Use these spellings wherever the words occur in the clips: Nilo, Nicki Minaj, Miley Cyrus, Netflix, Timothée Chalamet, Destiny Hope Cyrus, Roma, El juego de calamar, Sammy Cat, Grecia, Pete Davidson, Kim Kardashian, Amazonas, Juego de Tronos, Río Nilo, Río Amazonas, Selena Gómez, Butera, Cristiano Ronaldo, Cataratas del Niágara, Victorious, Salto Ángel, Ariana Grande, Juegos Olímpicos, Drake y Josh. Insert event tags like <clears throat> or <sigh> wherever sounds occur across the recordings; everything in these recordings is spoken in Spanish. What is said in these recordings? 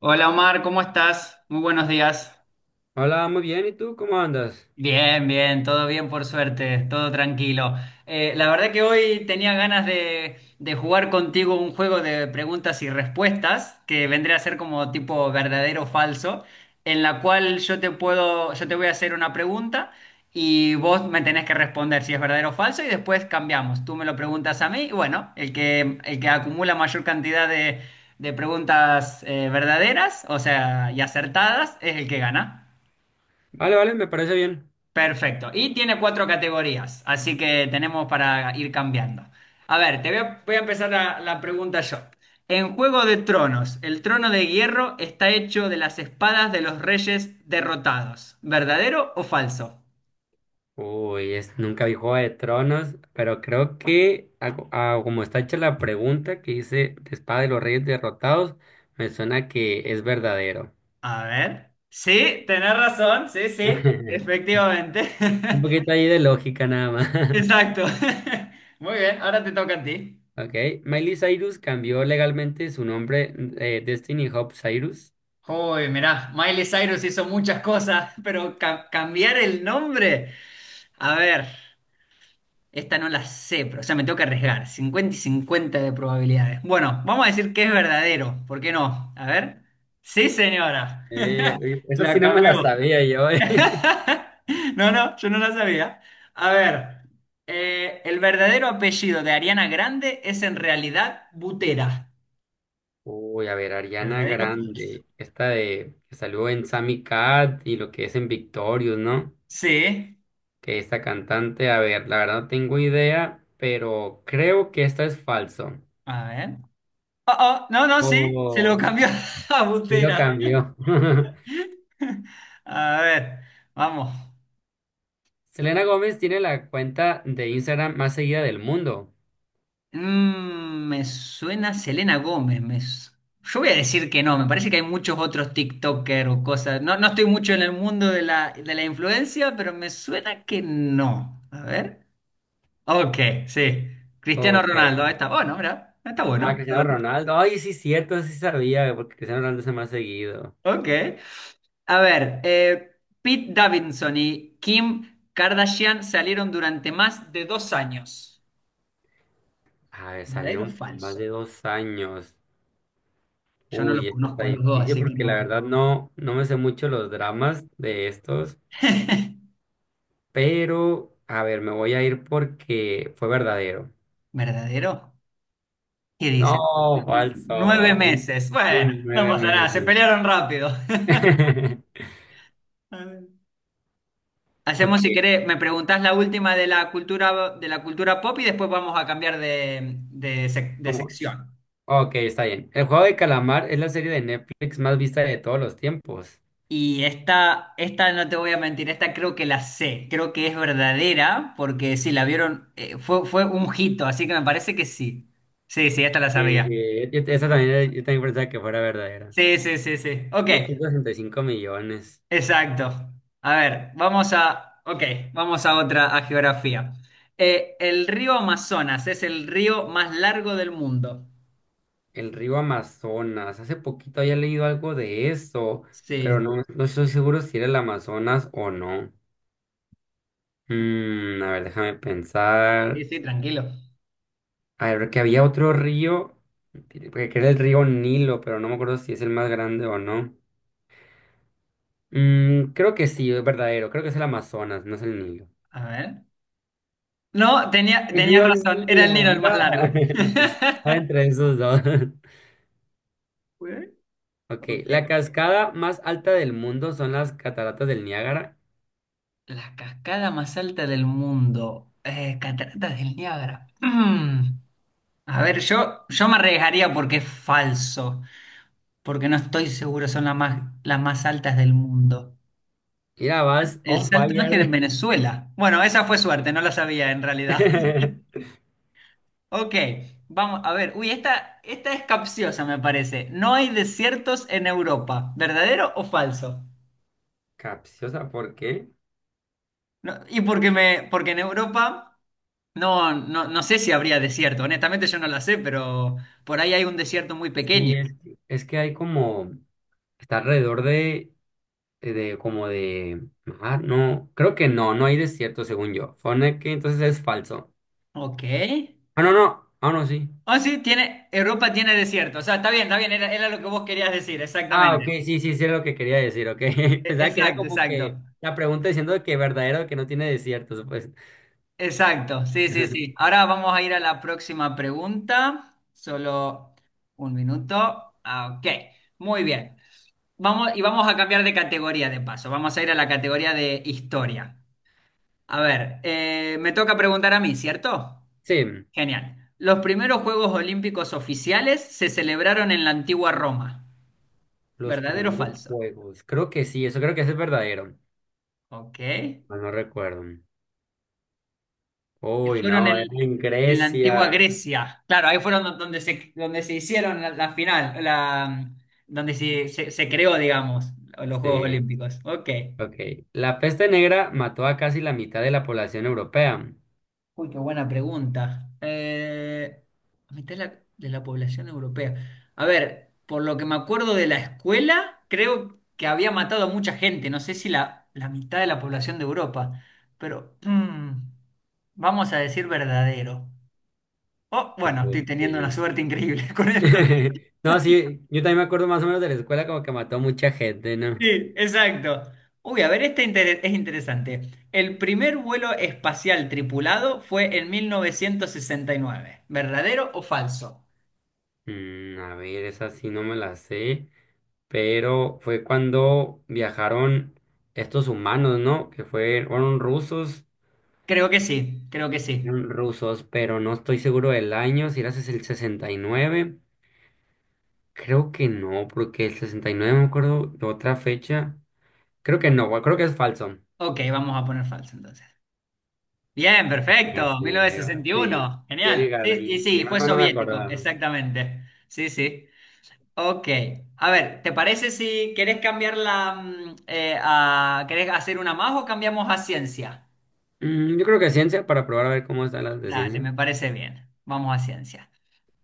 Hola Omar, ¿cómo estás? Muy buenos días. Hola, muy bien. ¿Y tú cómo andas? Bien, bien, todo bien por suerte, todo tranquilo. La verdad que hoy tenía ganas de jugar contigo un juego de preguntas y respuestas, que vendría a ser como tipo verdadero o falso, en la cual yo te puedo, yo te voy a hacer una pregunta y vos me tenés que responder si es verdadero o falso y después cambiamos. Tú me lo preguntas a mí y bueno, el que acumula mayor cantidad de preguntas verdaderas, o sea, y acertadas, es el que gana. Vale, vale, me parece bien. Perfecto. Y tiene cuatro categorías, así que tenemos para ir cambiando. A ver, voy a empezar la pregunta yo. En Juego de Tronos, el trono de hierro está hecho de las espadas de los reyes derrotados. ¿Verdadero o falso? Uy, nunca vi Juego de Tronos, pero creo que a como está hecha la pregunta que hice de Espada de los Reyes Derrotados, me suena que es verdadero. A ver. Sí, tenés razón, sí, sí, <laughs> efectivamente. Un poquito <laughs> ahí de lógica nada más. <laughs> Exacto. <laughs> Muy bien, ahora te toca a ti. Ok, Miley Cyrus cambió legalmente su nombre Destiny Hope Cyrus. Uy, mirá, Miley Cyrus hizo muchas cosas, pero cambiar el nombre. A ver. Esta no la sé, pero o sea, me tengo que arriesgar. Cincuenta y 50 de probabilidades. Bueno, vamos a decir que es verdadero. ¿Por qué no? A ver. Sí, señora. Eh, <laughs> esa sí La no me la cambió. sabía yo. <laughs> No, no, yo no la sabía. A ver. El verdadero apellido de Ariana Grande es en realidad Butera. Uy, a ver, Ariana ¿Verdadero o falso? Grande, esta de que salió en Sammy Cat y lo que es en Victorious, ¿no? Sí. Que esta cantante, a ver, la verdad no tengo idea, pero creo que esta es falso. A ver. Oh, oh, no, no, sí. Se lo Oh, cambió <laughs> a y lo Butera. cambió. <laughs> <laughs> A ver. Vamos. Selena Gómez tiene la cuenta de Instagram más seguida del mundo. Me suena Selena Gómez. Yo voy a decir que no, me parece que hay muchos otros TikToker o cosas. No, no estoy mucho en el mundo de la influencia, pero me suena que no. A ver. Ok, sí. Cristiano Ok. Ronaldo, ahí está bueno, mira, está bueno. Ah, Está Cristiano bueno. Ronaldo. Ay, sí, cierto, sí sabía, porque Cristiano Ronaldo es el más seguido. Ok. A ver, Pete Davidson y Kim Kardashian salieron durante más de dos años. A ver, ¿Verdadero o salieron por más falso? de 2 años. Yo no los Uy, esto está conozco a los dos, difícil así que porque la no. verdad no me sé mucho los dramas de estos, <laughs> pero a ver, me voy a ir porque fue verdadero. ¿Verdadero? Y dice, No, nueve falso. Un, meses. Bueno, un no nueve pasa nada, se meses. pelearon rápido. <laughs> <laughs> A ver. Hacemos, Ok, si querés, me preguntás la última de la cultura pop y después vamos a cambiar de ¿cómo? sección. Ok, está bien. El juego de calamar es la serie de Netflix más vista de todos los tiempos. Y esta no te voy a mentir, esta creo que la sé, creo que es verdadera, porque sí, la vieron, fue, fue un hito, así que me parece que sí. Sí, sí, esta la Sí, sabía. sí, esa también, yo también pensaba que fuera verdadera. Sí, sí, sí, sí. Ok, 1,65 millones. exacto. A ver, ok, vamos a otra, a geografía. El río Amazonas es el río más largo del mundo. El río Amazonas. Hace poquito había leído algo de eso, Sí, pero no estoy seguro si era el Amazonas o no. A ver, déjame sí, pensar. sí, tranquilo. A ver, que había otro río, que era el río Nilo, pero no me acuerdo si es el más grande o no. Creo que sí, es verdadero. Creo que es el Amazonas, no es el Nilo. A ver. No, El tenías río razón, era el Nilo, Nilo el más mira. largo. <laughs> <laughs> Estaba entre esos dos. <laughs> Ok, Ok. la cascada más alta del mundo son las cataratas del Niágara. La cascada más alta del mundo. Cataratas del Niágara. <clears throat> Mm. A ver, yo me arriesgaría porque es falso, porque no estoy seguro son las más altas del mundo. Mira, vas El on Salto Ángel en fire. Venezuela. Bueno, esa fue suerte, no la sabía en realidad. <laughs> <laughs> Ok, vamos a ver. Uy, esta es capciosa, me parece. No hay desiertos en Europa. ¿Verdadero o falso? Capciosa, ¿por qué? No, y porque en Europa no sé si habría desierto. Honestamente yo no la sé, pero por ahí hay un desierto muy Sí, pequeño. es que hay como, está alrededor de como de, ah, no, creo que no, no hay desierto según yo. Fone que entonces es falso. Ok. Ah, no, no, ah, no, sí. Ah, sí, tiene, Europa tiene desierto. O sea, está bien, era, era lo que vos querías decir, Ah, ok, exactamente. sí, sí, sí es lo que quería decir, ok. <laughs> Pensaba que era Exacto, como exacto. que la pregunta diciendo de que verdadero que no tiene desiertos, pues. Exacto, sí, sí, sí. <laughs> Ahora vamos a ir a la próxima pregunta. Solo un minuto. Ah, ok, muy bien. Vamos, y vamos a cambiar de categoría de paso. Vamos a ir a la categoría de historia. A ver, me toca preguntar a mí, ¿cierto? Sí, Genial. Los primeros Juegos Olímpicos oficiales se celebraron en la antigua Roma. los ¿Verdadero o primeros falso? juegos, creo que sí, eso creo que ese es verdadero. Ok. No, no recuerdo. que Uy, fueron no, era el- en en la antigua Grecia. Grecia. Claro, ahí fueron donde donde se hicieron la final, la, donde se creó, digamos, los Juegos Sí. Olímpicos. Ok. Ok. La peste negra mató a casi la mitad de la población europea. Uy, qué buena pregunta. A mitad de la población europea. A ver, por lo que me acuerdo de la escuela, creo que había matado a mucha gente. No sé si la mitad de la población de Europa. Pero vamos a decir verdadero. Oh, bueno, Ujú, estoy teniendo una sí. suerte increíble <laughs> con esto. <laughs> No, sí, yo también me acuerdo más o menos de la escuela como que mató mucha gente, ¿no? Sí, exacto. Uy, a ver, es interesante. El primer vuelo espacial tripulado fue en 1969. ¿Verdadero o falso? A ver, esa sí no me la sé, pero fue cuando viajaron estos humanos, ¿no? Que fueron rusos, Creo que sí, creo que sí. eran rusos, pero no estoy seguro del año, si era el 69, creo que no, porque el 69 no me acuerdo de otra fecha, creo que no, creo que es falso. Ok, vamos a poner falso entonces. Bien, perfecto. Así, ahí va. Sí, 1961. yo Genial. llegaba Sí, y ahí. Y sí, fue más o no me soviético, acordaba. exactamente. Sí, sí. Ok. A ver, ¿te parece si querés querés hacer una más o cambiamos a ciencia? Yo creo que ciencia, para probar a ver cómo están las de Dale, ciencia. me parece bien. Vamos a ciencia.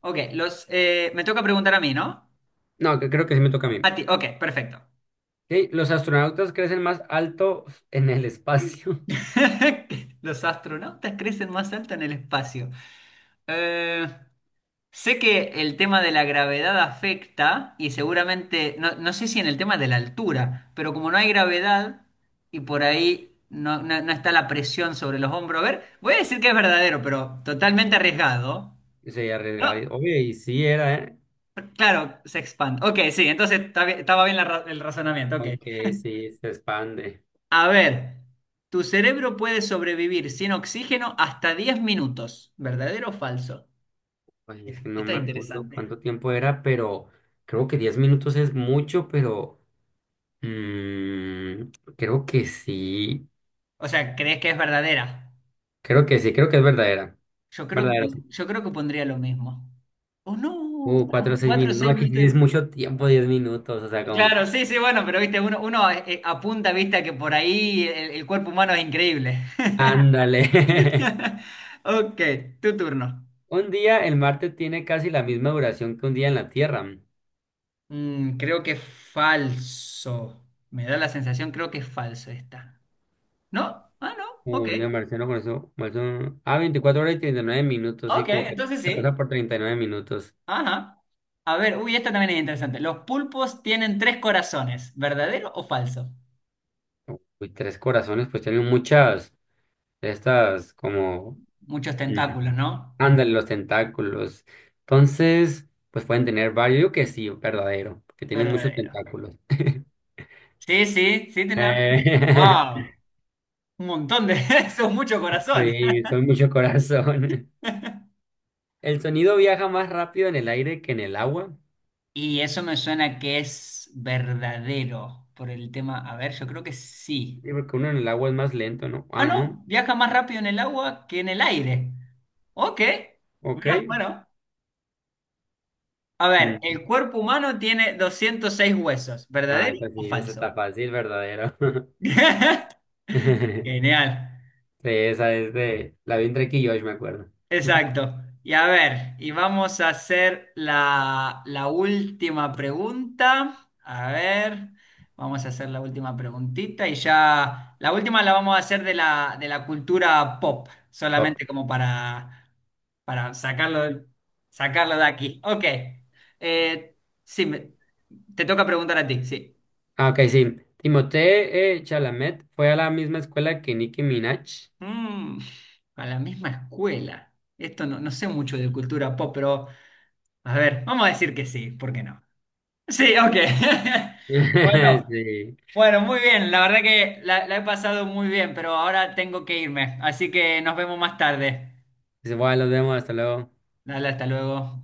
Ok, me toca preguntar a mí, ¿no? No, que creo que sí me toca a A mí. ti, ok, perfecto. Sí, los astronautas crecen más alto en el espacio. <laughs> <laughs> Los astronautas crecen más alto en el espacio. Eh, Sé que el tema de la gravedad afecta y seguramente, no, no sé si en el tema de la altura, pero como no hay gravedad y por ahí no está la presión sobre los hombros, a ver, voy a decir que es verdadero, pero totalmente arriesgado. Y se arriesgaba. No, Oye, y sí era, ¿eh? claro, se expande. Ok, sí, estaba bien el razonamiento, ok. Aunque sí, se expande. A ver, tu cerebro puede sobrevivir sin oxígeno hasta 10 minutos. ¿Verdadero o falso? Ay, es Esta, que no esta me es acuerdo interesante. cuánto tiempo era, pero creo que 10 minutos es mucho, pero mm, creo que sí. O sea, ¿crees que es verdadera? Creo que sí, creo que es verdadera. Yo creo que, Verdadera. Yo creo que pondría lo mismo. ¿O no? Cuatro o seis 4 o minutos. No, 6 aquí minutos tienes de... mucho tiempo, 10 minutos, o sea, como Claro, que. sí, sí, bueno, pero viste, uno apunta, viste, a que por ahí el cuerpo humano es increíble. Ándale. <laughs> <laughs> Ok, tu turno. Un día, el Marte tiene casi la misma duración que un día en la Tierra. Mm, creo que es falso. Me da la sensación, creo que es falso esta. ¿No? Ah, no. Ok. Un día marciano, por eso, Ah, 24 horas y 39 minutos, sí, Ok, como que entonces se pasa sí. por 39 minutos. Ajá. A ver, uy, esta también es interesante. Los pulpos tienen tres corazones, ¿verdadero o falso? Uy, tres corazones, pues tienen muchas de estas, como. Muchos mm, tentáculos, ¿no? Ándale, los tentáculos. Entonces, pues pueden tener varios. Yo que sí, verdadero, porque tienen muchos Verdadero. tentáculos. <laughs> Sí, sí, sí, tenemos. Eh, <laughs> Wow. Un montón de <laughs> eso, es mucho corazón. Sí, son mucho corazón. <laughs> El sonido viaja más rápido en el aire que en el agua. Y eso me suena que es verdadero por el tema. A ver, yo creo que sí. Sí, porque uno en el agua es más lento, ¿no? Ah, Ah, no. no, viaja más rápido en el agua que en el aire. Ok. Ok. Mirá, bueno. A ver, el Mm. cuerpo humano tiene 206 huesos, Ah, ¿verdadero esa o sí, esa falso? está fácil, verdadero. <laughs> <laughs> Genial, Sí, esa es de... La vi en Drake y Josh, me acuerdo. <laughs> exacto. Y a ver, y vamos a hacer la última pregunta. A ver, vamos a hacer la última preguntita y ya la última la vamos a hacer de de la cultura pop, Pop. solamente como para sacarlo, sacarlo de aquí. Ok, Eh, sí, me- te toca preguntar a ti, sí. Ah, ok, sí. Timothée Chalamet fue a la misma escuela que Nicki Minaj. Mm, a la misma escuela. Esto no, no sé mucho de cultura pop, pero a ver, vamos a decir que sí, ¿por qué no? Sí, ok. <laughs> <laughs> Bueno, Sí. bueno, muy bien. La verdad que la he pasado muy bien, pero ahora tengo que irme. Así que nos vemos más tarde. Dice, bueno, los vemos, hasta luego. Dale, hasta luego.